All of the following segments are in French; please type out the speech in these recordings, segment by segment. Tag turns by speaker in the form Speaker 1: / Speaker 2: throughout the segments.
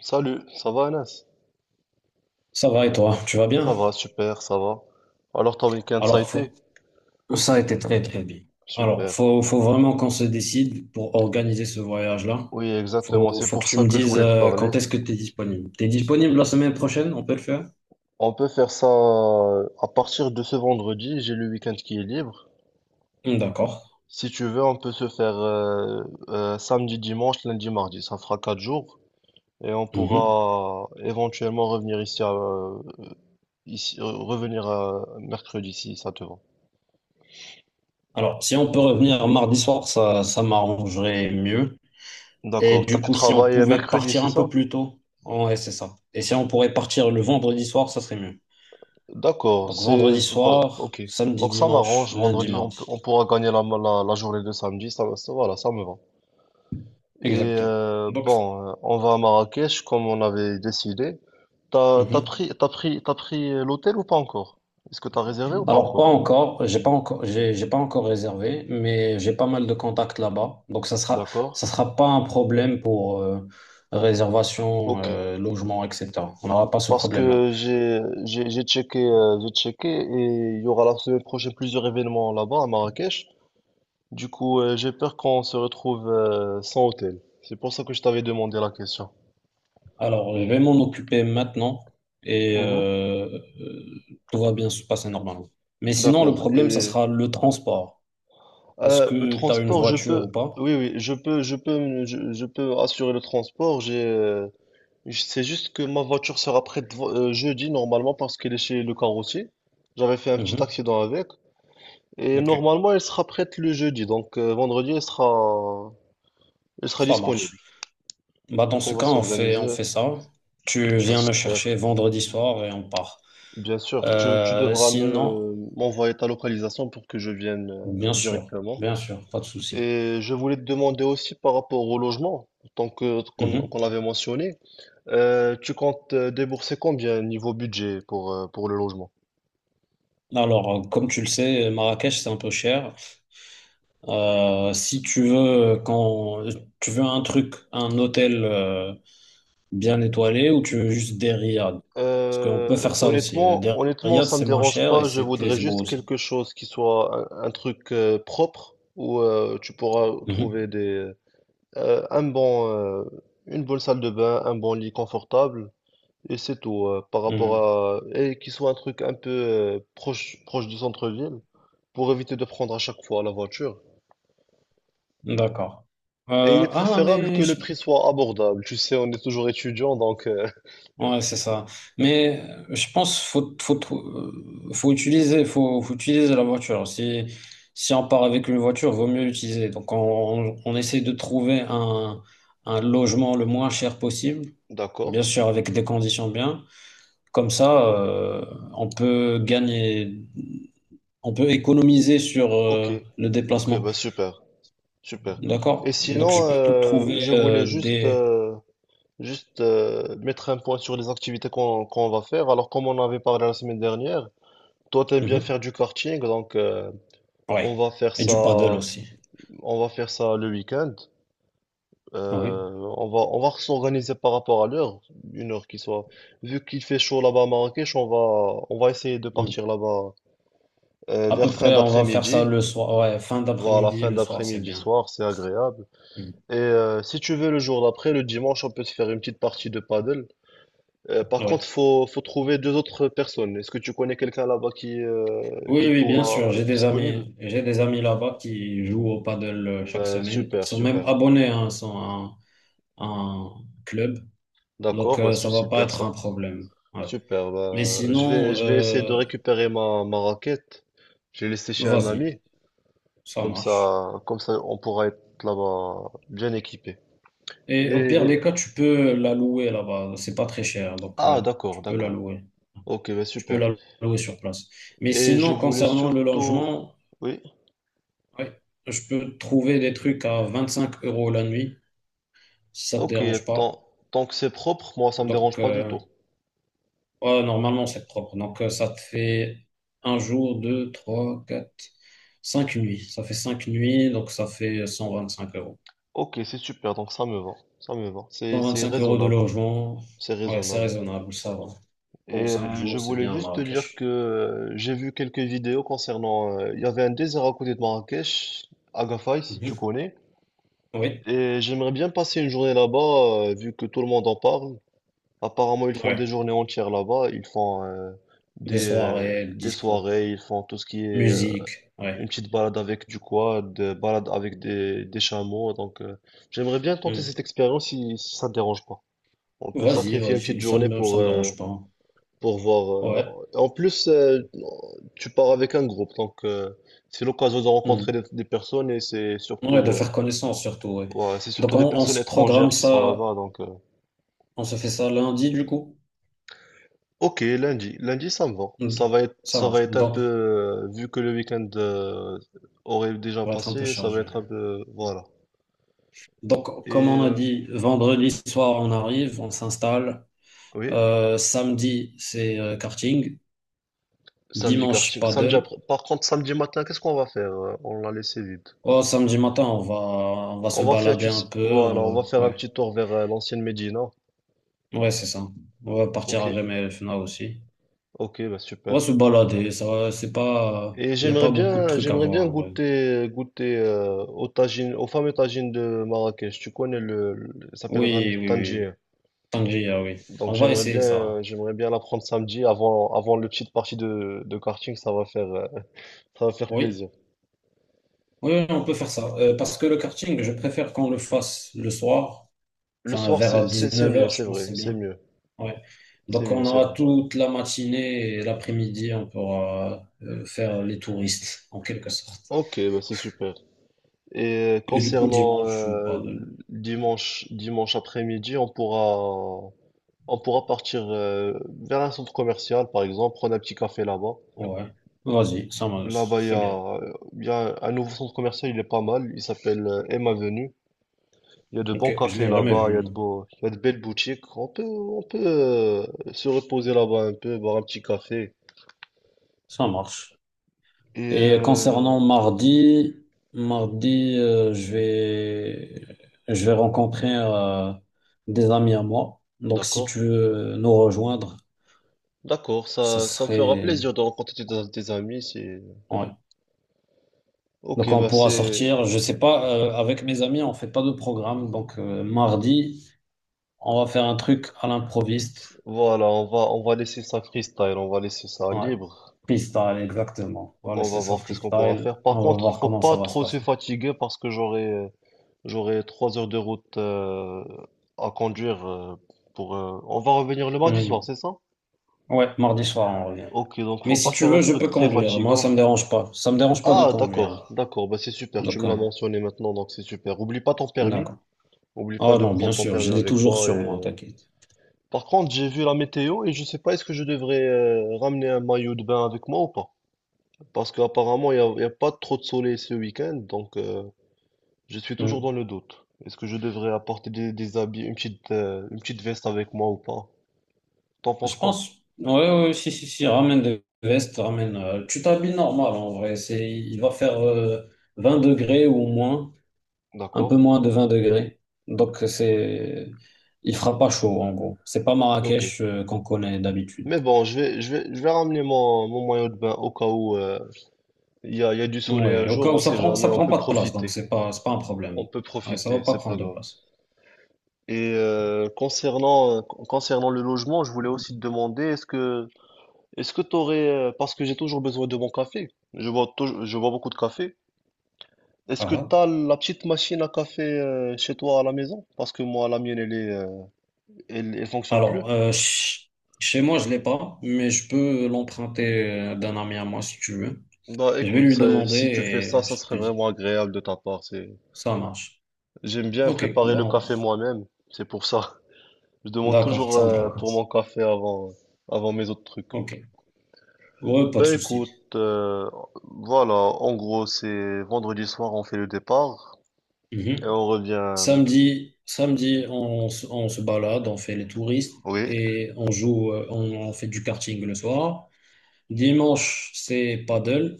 Speaker 1: Salut, ça va Anas?
Speaker 2: Ça va et toi, tu vas bien?
Speaker 1: Ça va, super, ça va. Alors ton week-end, ça a
Speaker 2: Alors, faut-
Speaker 1: été?
Speaker 2: Ça a été très très bien. Alors,
Speaker 1: Super.
Speaker 2: faut vraiment qu'on se décide pour organiser ce voyage-là.
Speaker 1: Oui, exactement,
Speaker 2: Faut,
Speaker 1: c'est
Speaker 2: faut que
Speaker 1: pour
Speaker 2: tu
Speaker 1: ça
Speaker 2: me
Speaker 1: que je
Speaker 2: dises
Speaker 1: voulais te parler.
Speaker 2: quand est-ce que tu es disponible. Tu es disponible la semaine prochaine, on peut le faire?
Speaker 1: On peut faire ça à partir de ce vendredi, j'ai le week-end qui est libre.
Speaker 2: Hmm, d'accord.
Speaker 1: Si tu veux, on peut se faire samedi, dimanche, lundi, mardi. Ça fera 4 jours et on
Speaker 2: Mhm.
Speaker 1: pourra éventuellement revenir ici, à, ici revenir mercredi si ça te va.
Speaker 2: Alors, si on peut revenir mardi soir, ça m'arrangerait mieux. Et
Speaker 1: D'accord,
Speaker 2: du
Speaker 1: t'as du
Speaker 2: coup, si on
Speaker 1: travail
Speaker 2: pouvait
Speaker 1: mercredi,
Speaker 2: partir
Speaker 1: c'est
Speaker 2: un peu
Speaker 1: ça?
Speaker 2: plus tôt, ouais, c'est ça. Et si on pourrait partir le vendredi soir, ça serait mieux.
Speaker 1: D'accord,
Speaker 2: Donc,
Speaker 1: c'est
Speaker 2: vendredi
Speaker 1: voilà,
Speaker 2: soir,
Speaker 1: ok.
Speaker 2: samedi,
Speaker 1: Donc ça
Speaker 2: dimanche,
Speaker 1: m'arrange,
Speaker 2: lundi,
Speaker 1: vendredi,
Speaker 2: mardi.
Speaker 1: on pourra gagner la journée de samedi, voilà, ça me va. Et
Speaker 2: Exactement. Donc,
Speaker 1: bon, on va à Marrakech comme on avait décidé. T'as, t'as
Speaker 2: ça.
Speaker 1: pris, t'as pris, t'as pris l'hôtel ou pas encore? Est-ce que t'as réservé ou pas
Speaker 2: Alors, pas
Speaker 1: encore?
Speaker 2: encore, j'ai pas encore, j'ai pas encore réservé, mais j'ai pas mal de contacts là-bas. Donc,
Speaker 1: D'accord,
Speaker 2: ça sera pas un problème pour réservation,
Speaker 1: ok.
Speaker 2: logement, etc. On n'aura pas ce
Speaker 1: Parce
Speaker 2: problème-là.
Speaker 1: que j'ai checké, j'ai checké et il y aura la semaine prochaine plusieurs événements là-bas à Marrakech. Du coup, j'ai peur qu'on se retrouve sans hôtel. C'est pour ça que je t'avais demandé la question.
Speaker 2: Alors, je vais m'en occuper maintenant et
Speaker 1: Mhm.
Speaker 2: euh, tout va bien se passer normalement. Mais sinon, le
Speaker 1: D'accord.
Speaker 2: problème, ça
Speaker 1: Et
Speaker 2: sera le transport. Est-ce
Speaker 1: le
Speaker 2: que tu as une
Speaker 1: transport, je
Speaker 2: voiture ou
Speaker 1: peux,
Speaker 2: pas?
Speaker 1: oui, oui, je peux assurer le transport. C'est juste que ma voiture sera prête jeudi normalement parce qu'elle est chez le carrossier. J'avais fait un petit
Speaker 2: Mhm.
Speaker 1: accident avec et
Speaker 2: Ok,
Speaker 1: normalement elle sera prête le jeudi. Donc vendredi elle sera
Speaker 2: ça marche.
Speaker 1: disponible.
Speaker 2: Bah, dans
Speaker 1: Donc on
Speaker 2: ce
Speaker 1: va
Speaker 2: cas, on fait, on
Speaker 1: s'organiser.
Speaker 2: fait ça. Tu
Speaker 1: Ça
Speaker 2: viens me
Speaker 1: se
Speaker 2: chercher vendredi soir et on part.
Speaker 1: Bien sûr, tu devras
Speaker 2: Sinon,
Speaker 1: me m'envoyer ta localisation pour que je vienne
Speaker 2: bien sûr,
Speaker 1: directement.
Speaker 2: bien sûr, pas de souci.
Speaker 1: Et je voulais te demander aussi par rapport au logement, tant que qu'on qu'on
Speaker 2: Mhm.
Speaker 1: l'avait mentionné, tu comptes débourser combien niveau budget pour le logement?
Speaker 2: Alors, comme tu le sais, Marrakech, c'est un peu cher. Si tu veux, quand tu veux un truc, un hôtel bien étoilé, ou tu veux juste des riads, parce qu'on peut faire ça aussi.
Speaker 1: Honnêtement,
Speaker 2: Des
Speaker 1: honnêtement,
Speaker 2: riads,
Speaker 1: ça me
Speaker 2: c'est moins
Speaker 1: dérange
Speaker 2: cher et
Speaker 1: pas. Je
Speaker 2: c'est
Speaker 1: voudrais
Speaker 2: c'est beau
Speaker 1: juste
Speaker 2: aussi.
Speaker 1: quelque chose qui soit un truc propre où tu pourras
Speaker 2: Mhm.
Speaker 1: trouver des un bon une bonne salle de bain, un bon lit confortable et c'est tout par rapport
Speaker 2: Mhm.
Speaker 1: à et qui soit un truc un peu proche du centre-ville. Pour éviter de prendre à chaque fois la voiture.
Speaker 2: D'accord.
Speaker 1: Et il est
Speaker 2: Ah,
Speaker 1: préférable que
Speaker 2: mais
Speaker 1: le
Speaker 2: je
Speaker 1: prix soit abordable. Tu sais, on est toujours étudiant, donc
Speaker 2: ouais, c'est ça. Mais je pense faut faut trou- faut utiliser faut, faut utiliser la voiture. Si si on part avec une voiture, vaut mieux l'utiliser. Donc on essaie de trouver un logement le moins cher possible, bien
Speaker 1: d'accord.
Speaker 2: sûr avec des conditions bien. Comme ça, on peut gagner, on peut économiser sur
Speaker 1: Ok,
Speaker 2: le
Speaker 1: ok,
Speaker 2: déplacement.
Speaker 1: bah super, super. Et
Speaker 2: D'accord? Donc je
Speaker 1: sinon,
Speaker 2: peux te trouver
Speaker 1: je voulais juste,
Speaker 2: des
Speaker 1: mettre un point sur les activités qu'on va faire. Alors, comme on avait parlé la semaine dernière, toi, t'aimes bien
Speaker 2: mhm.
Speaker 1: faire du karting, donc on
Speaker 2: Ouais.
Speaker 1: va faire
Speaker 2: Et
Speaker 1: ça,
Speaker 2: du paddle aussi.
Speaker 1: on va faire ça le week-end.
Speaker 2: Oui.
Speaker 1: Euh, on va s'organiser par rapport à l'heure, une heure qui soit. Vu qu'il fait chaud là-bas à Marrakech, on va essayer de partir là-bas
Speaker 2: À peu
Speaker 1: vers fin
Speaker 2: près, on va faire ça
Speaker 1: d'après-midi.
Speaker 2: le soir. Ouais, fin
Speaker 1: Voilà,
Speaker 2: d'après-midi,
Speaker 1: fin
Speaker 2: le soir, c'est
Speaker 1: d'après-midi
Speaker 2: bien.
Speaker 1: soir, c'est agréable.
Speaker 2: Mm.
Speaker 1: Et si tu veux le jour d'après, le dimanche, on peut se faire une petite partie de paddle. Par contre,
Speaker 2: Ouais.
Speaker 1: faut trouver deux autres personnes. Est-ce que tu connais quelqu'un là-bas qui, euh,
Speaker 2: Oui,
Speaker 1: qui
Speaker 2: oui, bien sûr.
Speaker 1: pourra
Speaker 2: J'ai
Speaker 1: être
Speaker 2: des
Speaker 1: disponible?
Speaker 2: amis, j'ai des amis là-bas qui jouent au paddle chaque
Speaker 1: Ben,
Speaker 2: semaine. Ils
Speaker 1: super,
Speaker 2: sont même
Speaker 1: super.
Speaker 2: abonnés, hein, ils sont un club. Donc,
Speaker 1: D'accord, ben,
Speaker 2: ça
Speaker 1: c'est
Speaker 2: va pas
Speaker 1: super
Speaker 2: être un
Speaker 1: ça.
Speaker 2: problème. Ouais.
Speaker 1: Super,
Speaker 2: Mais
Speaker 1: bah, je vais,
Speaker 2: sinon,
Speaker 1: je vais essayer de récupérer ma raquette. Je l'ai laissée chez un
Speaker 2: vas-y,
Speaker 1: ami.
Speaker 2: ça
Speaker 1: Comme
Speaker 2: marche.
Speaker 1: ça, comme ça, on pourra être là-bas bien équipé.
Speaker 2: Et au pire
Speaker 1: Et,
Speaker 2: des cas, tu peux la louer là-bas. C'est pas très cher, donc
Speaker 1: ah,
Speaker 2: tu
Speaker 1: d'accord,
Speaker 2: peux la
Speaker 1: d'accord.
Speaker 2: louer.
Speaker 1: Ok, bah,
Speaker 2: Tu peux
Speaker 1: super.
Speaker 2: la louer sur place. Mais
Speaker 1: Et je
Speaker 2: sinon,
Speaker 1: voulais
Speaker 2: concernant le
Speaker 1: surtout,
Speaker 2: logement,
Speaker 1: oui.
Speaker 2: ouais. Je peux trouver des trucs à 25 euros la nuit, si ça te
Speaker 1: Ok,
Speaker 2: dérange pas.
Speaker 1: tant que c'est propre, moi, ça me
Speaker 2: Donc,
Speaker 1: dérange pas du tout.
Speaker 2: ouais, normalement, c'est propre. Donc, ça te fait un jour, deux, trois, quatre, cinq nuits. Ça fait cinq nuits, donc ça fait 125 euros.
Speaker 1: Ok, c'est super, donc ça me va. Ça me va. C'est,
Speaker 2: Cent
Speaker 1: c'est
Speaker 2: vingt-cinq euros de
Speaker 1: raisonnable.
Speaker 2: logement,
Speaker 1: C'est
Speaker 2: ouais, c'est
Speaker 1: raisonnable.
Speaker 2: raisonnable, ça va. Pour
Speaker 1: Et
Speaker 2: cinq jours,
Speaker 1: je
Speaker 2: c'est
Speaker 1: voulais
Speaker 2: bien à
Speaker 1: juste te dire que
Speaker 2: Marrakech.
Speaker 1: j'ai vu quelques vidéos concernant, il y avait un désert à côté de Marrakech, Agafay, si tu
Speaker 2: Mhm.
Speaker 1: connais.
Speaker 2: Oui,
Speaker 1: Et j'aimerais bien passer une journée là-bas, vu que tout le monde en parle. Apparemment, ils font
Speaker 2: ouais.
Speaker 1: des journées entières là-bas. Ils font
Speaker 2: Des
Speaker 1: des, euh,
Speaker 2: soirées,
Speaker 1: des
Speaker 2: discours,
Speaker 1: soirées, ils font tout ce qui est
Speaker 2: musique, ouais.
Speaker 1: une petite balade avec du quad, balade avec des chameaux. Donc, j'aimerais bien tenter cette
Speaker 2: Mhm.
Speaker 1: expérience si ça ne te dérange pas. On peut
Speaker 2: Vas-y,
Speaker 1: sacrifier une petite
Speaker 2: vas-y, ça
Speaker 1: journée
Speaker 2: me, ça me dérange pas.
Speaker 1: pour voir.
Speaker 2: Ouais.
Speaker 1: En plus, tu pars avec un groupe, donc c'est l'occasion de rencontrer
Speaker 2: Mhm.
Speaker 1: des personnes et c'est
Speaker 2: Ouais, de
Speaker 1: surtout,
Speaker 2: faire connaissance surtout, ouais.
Speaker 1: ouais, c'est
Speaker 2: Donc
Speaker 1: surtout
Speaker 2: on,
Speaker 1: des
Speaker 2: on
Speaker 1: personnes
Speaker 2: se programme
Speaker 1: étrangères qui sont
Speaker 2: ça,
Speaker 1: là-bas. Donc,
Speaker 2: on se fait ça lundi du coup.
Speaker 1: ok, lundi, lundi, ça me va.
Speaker 2: Mm.
Speaker 1: Ça va être,
Speaker 2: Ça
Speaker 1: ça
Speaker 2: marche.
Speaker 1: va être un
Speaker 2: Donc,
Speaker 1: peu, vu que le week-end aurait déjà
Speaker 2: on va être un peu
Speaker 1: passé, ça va
Speaker 2: chargé.
Speaker 1: être un peu, voilà.
Speaker 2: Donc,
Speaker 1: Et
Speaker 2: comme on a dit, vendredi soir, on arrive, on s'installe.
Speaker 1: oui,
Speaker 2: Samedi, c'est karting.
Speaker 1: samedi
Speaker 2: Dimanche,
Speaker 1: karting. Samedi
Speaker 2: paddle.
Speaker 1: après. Par contre, samedi matin, qu'est-ce qu'on va faire? On l'a laissé vide.
Speaker 2: Oh, samedi matin, on va se
Speaker 1: On va faire,
Speaker 2: balader
Speaker 1: tu
Speaker 2: un
Speaker 1: sais-
Speaker 2: peu.
Speaker 1: Voilà, on va
Speaker 2: On
Speaker 1: faire un
Speaker 2: ouais,
Speaker 1: petit tour vers l'ancienne Médina.
Speaker 2: ouais, c'est ça. On va partir
Speaker 1: Ok.
Speaker 2: à jamais FNA aussi.
Speaker 1: Ok, bah
Speaker 2: On
Speaker 1: super.
Speaker 2: va se balader. C'est pas,
Speaker 1: Et
Speaker 2: il n'y a
Speaker 1: j'aimerais
Speaker 2: pas beaucoup de
Speaker 1: bien,
Speaker 2: trucs à
Speaker 1: j'aimerais bien
Speaker 2: voir en vrai.
Speaker 1: goûter aux fameux tagines de Marrakech. Tu connais ça s'appelle
Speaker 2: Oui, oui, oui,
Speaker 1: Tangier.
Speaker 2: oui. Sangria, oui.
Speaker 1: Donc
Speaker 2: On va
Speaker 1: j'aimerais
Speaker 2: essayer ça.
Speaker 1: bien, j'aimerais bien la prendre samedi avant le petite partie de karting. Ça va faire
Speaker 2: Oui,
Speaker 1: plaisir.
Speaker 2: oui, oui, on peut faire ça. Parce que le karting, je préfère qu'on le fasse le soir,
Speaker 1: Le
Speaker 2: enfin
Speaker 1: soir,
Speaker 2: vers
Speaker 1: c'est
Speaker 2: 19
Speaker 1: mieux,
Speaker 2: heures,
Speaker 1: c'est
Speaker 2: je pense que
Speaker 1: vrai,
Speaker 2: c'est
Speaker 1: c'est
Speaker 2: bien.
Speaker 1: mieux,
Speaker 2: Ouais.
Speaker 1: c'est
Speaker 2: Donc
Speaker 1: mieux,
Speaker 2: on
Speaker 1: c'est
Speaker 2: aura
Speaker 1: vrai.
Speaker 2: toute la matinée et l'après-midi, on pourra faire les touristes, en quelque sorte.
Speaker 1: Ok, bah c'est super. Et
Speaker 2: Et du coup,
Speaker 1: concernant
Speaker 2: dimanche, pas de…
Speaker 1: dimanche après-midi, on pourra partir vers un centre commercial, par exemple, prendre un petit café là-bas.
Speaker 2: Ouais.
Speaker 1: Là-bas,
Speaker 2: C'est bien.
Speaker 1: il y a un nouveau centre commercial, il est pas mal. Il s'appelle M Avenue. Il y a de
Speaker 2: Ok,
Speaker 1: bons
Speaker 2: je
Speaker 1: cafés
Speaker 2: l'ai jamais
Speaker 1: là-bas,
Speaker 2: vu, non.
Speaker 1: il y a de belles boutiques. On peut se reposer là-bas un peu, boire un petit café.
Speaker 2: Ça marche.
Speaker 1: Et
Speaker 2: Et concernant mardi, mardi, je vais rencontrer des amis à moi. Donc, si
Speaker 1: d'accord,
Speaker 2: tu veux nous rejoindre,
Speaker 1: d'accord,
Speaker 2: ça
Speaker 1: ça me fera
Speaker 2: serait,
Speaker 1: plaisir de rencontrer tes amis. C'est
Speaker 2: ouais. Donc,
Speaker 1: ok,
Speaker 2: on
Speaker 1: bah
Speaker 2: pourra
Speaker 1: c'est
Speaker 2: sortir. Je sais pas, avec mes amis, on fait pas de programme. Donc, mardi, on va faire un truc à l'improviste.
Speaker 1: voilà, on va laisser ça freestyle, on va laisser ça
Speaker 2: Ouais.
Speaker 1: libre.
Speaker 2: Freestyle, exactement. On va
Speaker 1: On va
Speaker 2: laisser ça
Speaker 1: voir qu'est-ce qu'on pourra
Speaker 2: freestyle.
Speaker 1: faire. Par
Speaker 2: On va
Speaker 1: contre,
Speaker 2: voir
Speaker 1: faut
Speaker 2: comment
Speaker 1: pas
Speaker 2: ça va se
Speaker 1: trop se
Speaker 2: passer.
Speaker 1: fatiguer parce que j'aurai 3 heures de route à conduire pour. On va revenir le mardi soir,
Speaker 2: Hum.
Speaker 1: c'est ça?
Speaker 2: Ouais, mardi soir, on revient.
Speaker 1: Ok, donc
Speaker 2: Mais
Speaker 1: faut
Speaker 2: si
Speaker 1: pas
Speaker 2: tu
Speaker 1: faire un
Speaker 2: veux, je
Speaker 1: truc
Speaker 2: peux
Speaker 1: très
Speaker 2: conduire. Moi, ça
Speaker 1: fatigant.
Speaker 2: me dérange pas. Ça me dérange pas de
Speaker 1: Ah, d'accord,
Speaker 2: conduire.
Speaker 1: d'accord, bah c'est super. Tu
Speaker 2: Donc,
Speaker 1: me l'as
Speaker 2: ouais.
Speaker 1: mentionné maintenant, donc c'est super. Oublie pas ton permis.
Speaker 2: D'accord.
Speaker 1: Oublie pas
Speaker 2: Oh
Speaker 1: de
Speaker 2: non, bien
Speaker 1: prendre ton
Speaker 2: sûr, je
Speaker 1: permis
Speaker 2: l'ai
Speaker 1: avec
Speaker 2: toujours
Speaker 1: toi.
Speaker 2: sur moi, t'inquiète.
Speaker 1: Par contre, j'ai vu la météo et je sais pas est-ce que je devrais ramener un maillot de bain avec moi ou pas. Parce qu'apparemment, il y a pas trop de soleil ce week-end, je suis toujours dans
Speaker 2: Hmm.
Speaker 1: le doute. Est-ce que je devrais apporter des habits, une petite veste avec moi ou pas? T'en penses
Speaker 2: Je
Speaker 1: quoi?
Speaker 2: pense. Ouais, ouais, si, si, si, ramène des vestes, ramène. Tu t'habilles normal en vrai. C'est, il va faire 20 degrés ou moins, un
Speaker 1: D'accord?
Speaker 2: peu moins de 20 degrés. Donc, c'est. Il fera pas chaud en gros. C'est pas
Speaker 1: Ok.
Speaker 2: Marrakech qu'on connaît d'habitude.
Speaker 1: Mais bon, je vais ramener mon maillot de bain au cas où il y a du soleil un
Speaker 2: Ouais, au cas
Speaker 1: jour,
Speaker 2: où
Speaker 1: on
Speaker 2: ça
Speaker 1: sait
Speaker 2: prend, ça
Speaker 1: jamais, on
Speaker 2: prend
Speaker 1: peut
Speaker 2: pas de place, donc
Speaker 1: profiter.
Speaker 2: c'est pas un
Speaker 1: On
Speaker 2: problème.
Speaker 1: peut
Speaker 2: Ouais, ça va
Speaker 1: profiter,
Speaker 2: pas
Speaker 1: c'est
Speaker 2: prendre
Speaker 1: pas
Speaker 2: de
Speaker 1: grave.
Speaker 2: place.
Speaker 1: Et concernant, concernant le logement, je voulais aussi te demander, est-ce que t'aurais, parce que j'ai toujours besoin de mon café, je bois beaucoup de café. Est-ce
Speaker 2: Ah,
Speaker 1: que tu
Speaker 2: ah.
Speaker 1: as la petite machine à café chez toi à la maison? Parce que moi, la mienne, elle fonctionne plus.
Speaker 2: Alors, chez moi, je l'ai pas, mais je peux l'emprunter d'un ami à moi si tu veux.
Speaker 1: Bah
Speaker 2: Je vais
Speaker 1: écoute,
Speaker 2: lui demander
Speaker 1: si tu fais
Speaker 2: et
Speaker 1: ça, ça
Speaker 2: je te
Speaker 1: serait
Speaker 2: dis,
Speaker 1: vraiment agréable de ta part. C'est...
Speaker 2: ça marche.
Speaker 1: J'aime bien
Speaker 2: Ok,
Speaker 1: préparer le
Speaker 2: bon,
Speaker 1: café moi-même, c'est pour ça. Je demande
Speaker 2: d'accord,
Speaker 1: toujours
Speaker 2: ça
Speaker 1: pour mon
Speaker 2: marche.
Speaker 1: café avant mes autres trucs.
Speaker 2: Ok, ouais, pas de
Speaker 1: Bah
Speaker 2: souci.
Speaker 1: écoute, voilà, en gros, c'est vendredi soir, on fait le départ
Speaker 2: Mhm.
Speaker 1: et on revient.
Speaker 2: Samedi, samedi, on se balade, on fait les touristes
Speaker 1: Oui,
Speaker 2: et on joue, on fait du karting le soir. Dimanche, c'est paddle.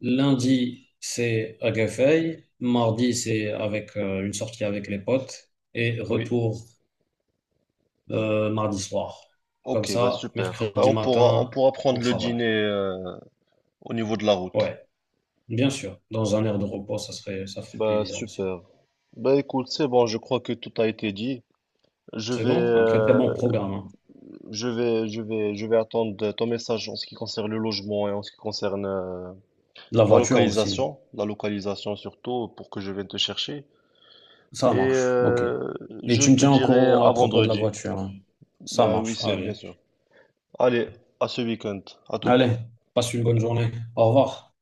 Speaker 2: Lundi, c'est à Guéfeil. Mardi, c'est avec une sortie avec les potes. Et
Speaker 1: oui.
Speaker 2: retour mardi soir. Comme
Speaker 1: Ok, bah
Speaker 2: ça,
Speaker 1: super.
Speaker 2: mercredi
Speaker 1: On
Speaker 2: matin,
Speaker 1: pourra
Speaker 2: on
Speaker 1: prendre le
Speaker 2: travaille.
Speaker 1: dîner au niveau de la route.
Speaker 2: Ouais, bien sûr. Dans un air de repos, ça serait, ça ferait
Speaker 1: Bah
Speaker 2: plaisir aussi.
Speaker 1: super. Bah écoute, c'est bon, je crois que tout a été dit. Je
Speaker 2: C'est
Speaker 1: vais,
Speaker 2: bon? Un très très
Speaker 1: euh,
Speaker 2: bon programme, hein.
Speaker 1: je vais attendre ton message en ce qui concerne le logement et en ce qui concerne
Speaker 2: La voiture aussi.
Speaker 1: la localisation surtout pour que je vienne te chercher.
Speaker 2: Ça
Speaker 1: Et
Speaker 2: marche. OK. Et
Speaker 1: je
Speaker 2: tu me
Speaker 1: te
Speaker 2: tiens au
Speaker 1: dirai
Speaker 2: courant
Speaker 1: à
Speaker 2: à propos de la
Speaker 1: vendredi.
Speaker 2: voiture, hein. Ça
Speaker 1: Bah oui,
Speaker 2: marche.
Speaker 1: c'est bien
Speaker 2: Allez.
Speaker 1: sûr. Allez, à ce week-end, à toutes.
Speaker 2: Allez, passe une bonne journée. Au revoir.